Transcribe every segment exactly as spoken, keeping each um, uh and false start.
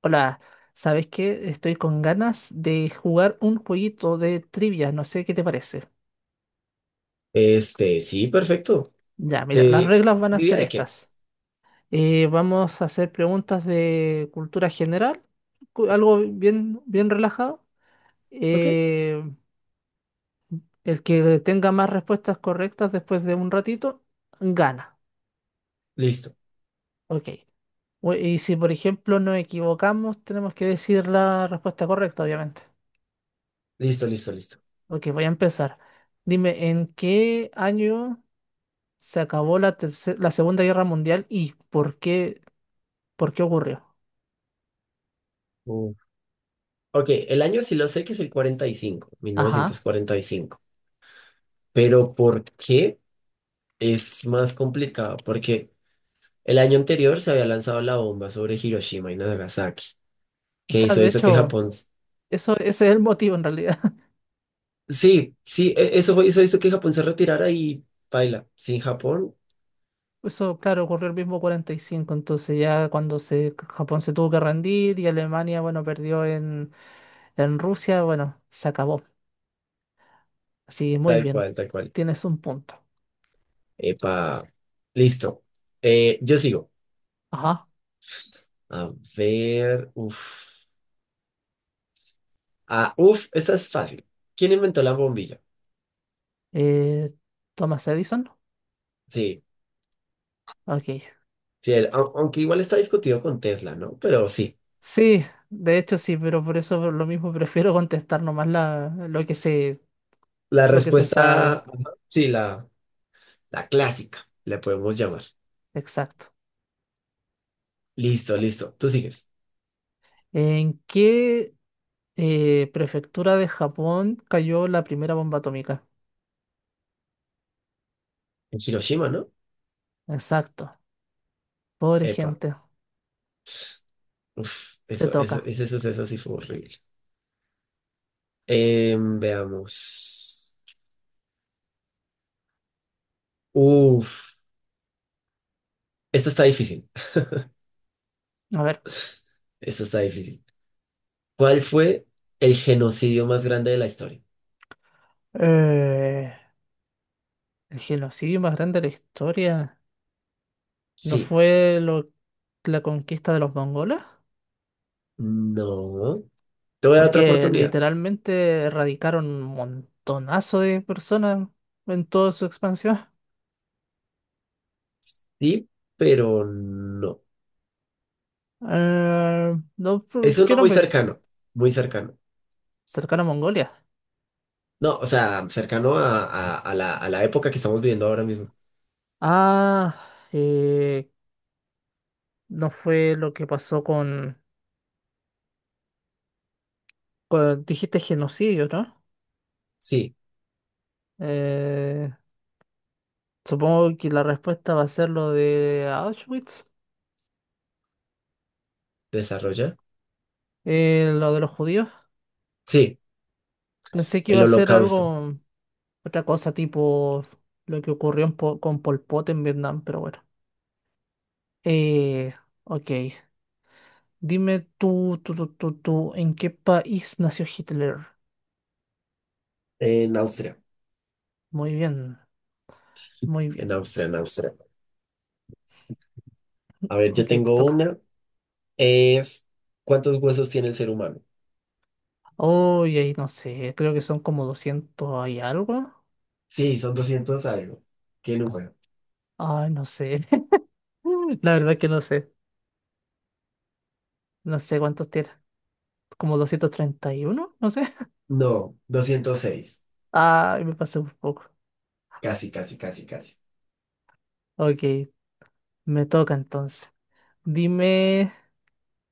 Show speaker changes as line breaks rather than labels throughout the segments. Hola, ¿sabes qué? Estoy con ganas de jugar un jueguito de trivia, no sé qué te parece.
Este, sí, perfecto.
Ya, mira, las
De
reglas van a
Diría
ser
de qué.
estas. Eh, vamos a hacer preguntas de cultura general, cu- algo bien, bien relajado.
Ok,
Eh, el que tenga más respuestas correctas después de un ratito, gana.
listo,
Ok. Bu- Y si, por ejemplo, nos equivocamos, tenemos que decir la respuesta correcta, obviamente.
listo, listo, listo.
Ok, voy a empezar. Dime, ¿en qué año... se acabó la, terce- la Segunda Guerra Mundial y ¿por qué, por qué ocurrió?
Uh, Ok, el año sí lo sé, que es el cuarenta cuarenta y cinco mil
Ajá.
novecientos cuarenta y cinco Pero ¿por qué es más complicado? Porque el año anterior se había lanzado la bomba sobre Hiroshima y Nagasaki,
O
que
sea,
hizo,
de
hizo que
hecho,
Japón... s-
eso, ese es el motivo en realidad.
Sí, sí, e- eso fue- hizo, hizo que Japón se retirara y baila. Sin Japón,
Eso, claro, ocurrió el mismo cuarenta y cinco entonces ya cuando se, Japón se tuvo que rendir y Alemania, bueno, perdió en, en Rusia, bueno, se acabó. Así, muy
tal
bien,
cual, tal cual.
tienes un punto.
Epa, listo. Eh, yo sigo.
Ajá.
A ver, uff. Ah, uf, esta es fácil. ¿Quién inventó la bombilla?
Eh, Thomas Edison.
Sí,
Ok.
sí, el- au- aunque igual está discutido con Tesla, ¿no? Pero sí,
Sí, de hecho sí, pero por eso por lo mismo prefiero contestar nomás la, lo que se,
la
lo que se
respuesta,
sabe.
ajá, sí, la, la clásica, le podemos llamar.
Exacto.
Listo, listo, tú sigues.
¿En qué eh, prefectura de Japón cayó la primera bomba atómica?
En Hiroshima, ¿no?
Exacto. Pobre
Epa,
gente.
uf,
Te
eso, eso,
toca.
ese suceso sí fue horrible. Em, veamos. Uf, esta está difícil.
A ver.
Esta está difícil. ¿Cuál fue el genocidio más grande de la historia?
eh, el genocidio más grande de la historia. ¿No
Sí,
fue lo- la conquista de los mongoles?
no. Te voy a dar otra
Porque
oportunidad.
literalmente erradicaron un montonazo de personas en toda su expansión.
Sí, pero no.
Eh, no,
Es
¿por ¿qué
uno muy
nombre?
cercano, muy cercano.
Cercano a Mongolia.
No, o sea, cercano a, a- a la, a la época que estamos viviendo ahora mismo.
Ah, eh, no fue lo que pasó con, con- dijiste genocidio, ¿no?
Sí,
Eh, Supongo que la respuesta va a ser lo de Auschwitz,
desarrolla.
eh, lo de los judíos.
Sí,
Pensé que iba
el
a ser
Holocausto.
algo, otra cosa tipo lo que ocurrió en Po- con Pol Pot en Vietnam, pero bueno. Eh, ok, dime tú, tú, tú, tú, tú, ¿en qué país nació Hitler?
En Austria,
Muy bien, muy bien.
en Austria, en Austria. A ver,
Ok,
yo
te
tengo
toca.
una. Es, ¿Cuántos huesos tiene el ser humano?
Oye, ahí no sé, creo que son como doscientos y algo.
Sí, son doscientos algo. ¿Qué número?
Ay, no sé. La verdad que no sé. No sé cuántos tiene. ¿Como doscientos treinta y uno? No sé.
No, doscientos seis.
Ay, me pasé un poco.
Casi, casi, casi, casi.
Ok, me toca entonces. Dime,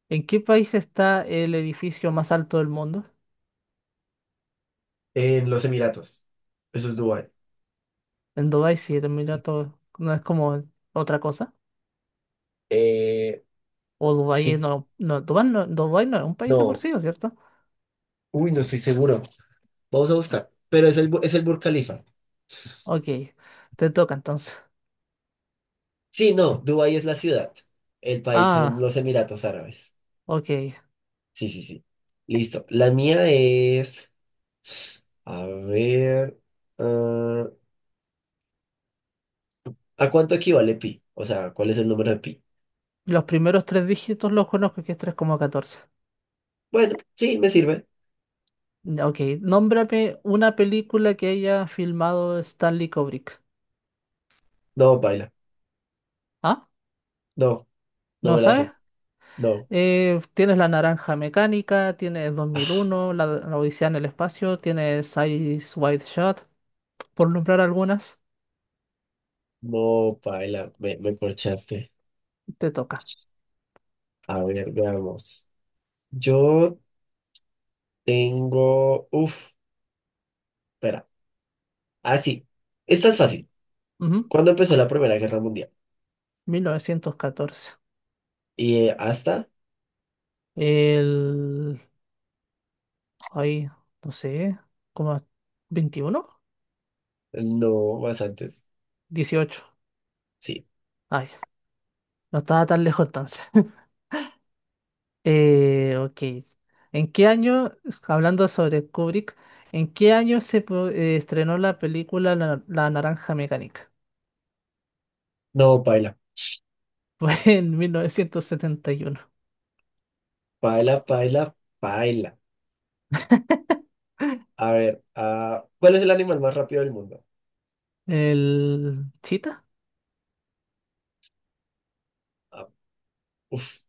¿en qué país está el edificio más alto del mundo?
En los Emiratos. Eso es Dubái.
En Dubái, sí, el Emirato no es como otra cosa.
Eh,
O Dubái es-
sí,
no, no, Dubái no, Dubái no es un país de por
no.
sí, ¿no es cierto?
Uy, no estoy seguro. Vamos a buscar. Pero es el, Bu- es el Burj Khalifa.
Ok, te toca entonces.
Sí, no, Dubái es la ciudad. El país son
Ah,
los Emiratos Árabes.
ok.
Sí, sí, sí. Listo. La mía es, a ver, ah, ¿a cuánto equivale pi? O sea, ¿cuál es el número de pi?
Los primeros tres dígitos los conozco, que es tres coma catorce.
Bueno, sí, me sirve.
Ya, ok, nómbrame una película que haya filmado Stanley Kubrick.
No, paila.
¿Ah?
No, no
¿No
me la sé.
sabes?
No.
Eh, tienes La Naranja Mecánica, tienes
Ah,
dos mil uno, La, la Odisea en el Espacio, tienes Eyes Wide Shot, por nombrar algunas,
no, paila. Me, me corchaste.
te toca.
A ver, veamos. Yo tengo, uf, espera. Ah, sí. Esta es fácil.
Ujú,
¿Cuándo empezó la Primera Guerra Mundial?
mil novecientos catorce.
Y eh, hasta,
El... ay, no sé, como ¿veintiuno?
no, más antes.
Dieciocho.
Sí.
Ay, no estaba tan lejos entonces. Eh, ok. ¿En qué año, hablando sobre Kubrick, en qué año se pro- eh, estrenó la película La, La Naranja Mecánica?
No, paila.
Fue en mil novecientos setenta y uno.
Paila, paila, paila. A ver, ah, ¿cuál es el animal más rápido del mundo?
¿El Chita?
Ah, uf,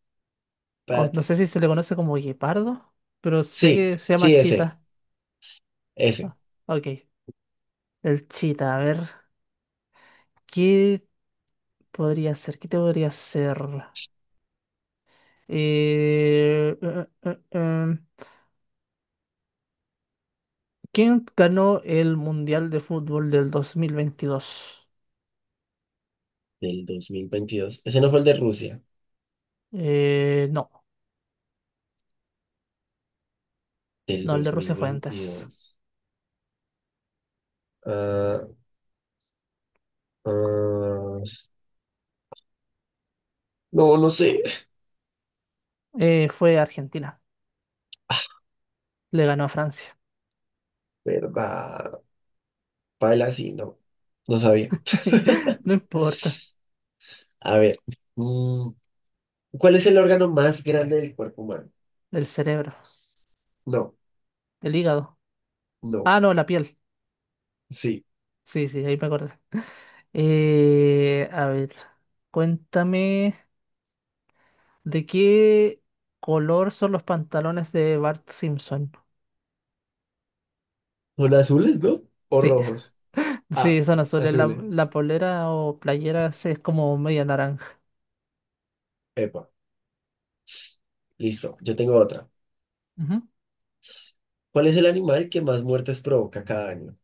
O no
espérate.
sé si se le conoce como guepardo, pero sé
Sí,
que se llama
sí, ese,
Chita.
ese.
Ah, ok. El Chita, a ver, ¿qué podría ser? ¿Qué te podría ser? Eh, eh, eh, eh, ¿Quién ganó el Mundial de Fútbol del dos mil veintidós?
Del dos mil veintidós, ¿ese no fue el de Rusia?
Eh, no,
Del
no, el de
dos mil
Rusia fue antes.
veintidós Ah, ah, no, no sé.
Eh, fue Argentina. Le ganó a Francia.
¿Verdad? Paila, sí, no. No sabía.
No importa.
A ver. mm, ¿Cuál es el órgano más grande del cuerpo humano?
El cerebro,
No,
el hígado.
no.
Ah, no, la piel.
Sí.
Sí, sí, ahí me acordé. Eh, a ver, cuéntame de qué color son los pantalones de Bart Simpson.
Son azules, ¿no? ¿O
Sí,
rojos? Ah,
sí, son azules. La,
azules.
la polera o playera sí, es como media naranja.
Epa, listo. Yo tengo otra.
Ujú.
¿Cuál es el animal que más muertes provoca cada año? O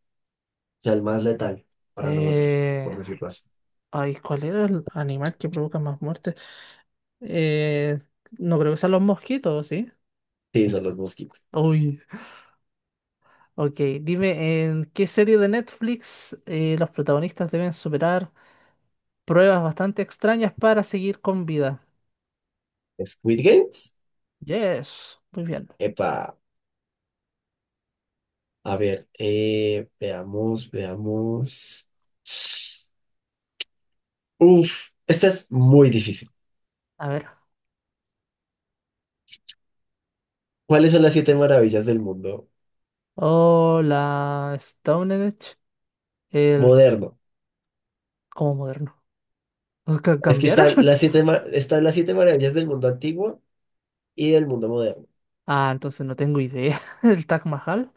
sea, el más letal para nosotros,
Eh,
por decirlo así.
Ay, ¿cuál era el animal que provoca más muertes? Eh, no creo que sean los mosquitos, ¿sí?
Sí, son los mosquitos.
Uy, ok. Dime, ¿en qué serie de Netflix eh, los protagonistas deben superar pruebas bastante extrañas para seguir con vida?
¿Squid Games?
Yes, muy bien.
Epa, a ver, eh, veamos, veamos. Uf, esta es muy difícil.
A ver.
¿Cuáles son las siete maravillas del mundo
Hola, Stone Age, el...
moderno?
¿Cómo moderno? ¿Ca-
Es que
Cambiaron?
están las siete, ma- están las siete maravillas del mundo antiguo y del mundo moderno.
Ah, entonces no tengo idea. El Taj Mahal.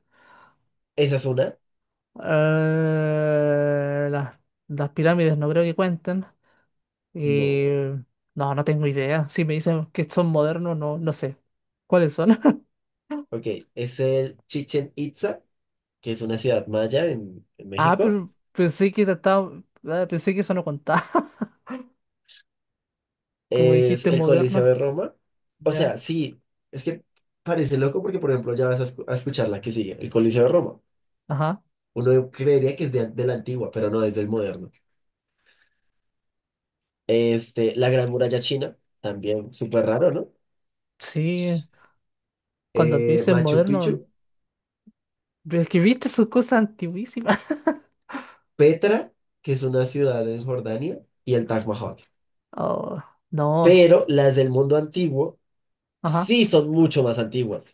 ¿Esa es una?
Eh, las, las pirámides no creo que cuenten.
No.
Eh, no, no tengo idea. Si me dicen que son modernos, no, no sé. ¿Cuáles son?
Ok, es el Chichen Itza, que es una ciudad maya en, en
Ah,
México.
pero pensé que trataba- ah, pensé que eso no contaba. Como
Es
dijiste,
el Coliseo de
moderno.
Roma. O
Ya.
sea, sí, es que parece loco porque, por ejemplo, ya vas a, escu- a escuchar la que sigue, el Coliseo de Roma.
Ajá.
Uno creería que es de, an- de la antigua, pero no, es del moderno. Este, la Gran Muralla China, también súper raro, ¿no?
Sí. Cuando me
Eh,
dicen
Machu
moderno,
Picchu,
pero es que viste sus cosas antiguísimas.
Petra, que es una ciudad en Jordania, y el Taj Mahal.
Oh, no.
Pero las del mundo antiguo
Ajá.
sí son mucho más antiguas.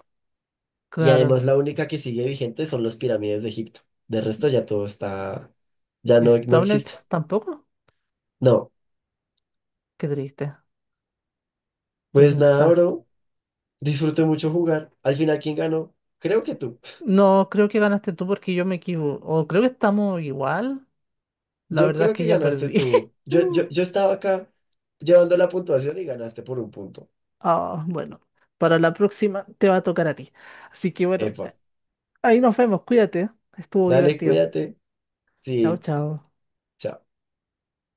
Y
Claro.
además la única que sigue vigente son las pirámides de Egipto. De resto ya todo está, ya
¿Y
no, no existe.
Stonehenge tampoco?
No,
Qué triste. De
pues nada,
pensar.
bro. Disfruté mucho jugar. Al final, ¿quién ganó? Creo que tú.
No, creo que ganaste tú porque yo me equivoco. O creo que estamos igual. La
Yo
verdad es
creo
que
que
ya
ganaste
perdí.
tú. Yo, yo, yo estaba acá llevando la puntuación y ganaste por un punto.
Ah, bueno, para la próxima te va a tocar a ti. Así que bueno,
Epa,
ahí nos vemos, cuídate, estuvo
dale,
divertido.
cuídate.
Chao,
Sí,
chao.
chao.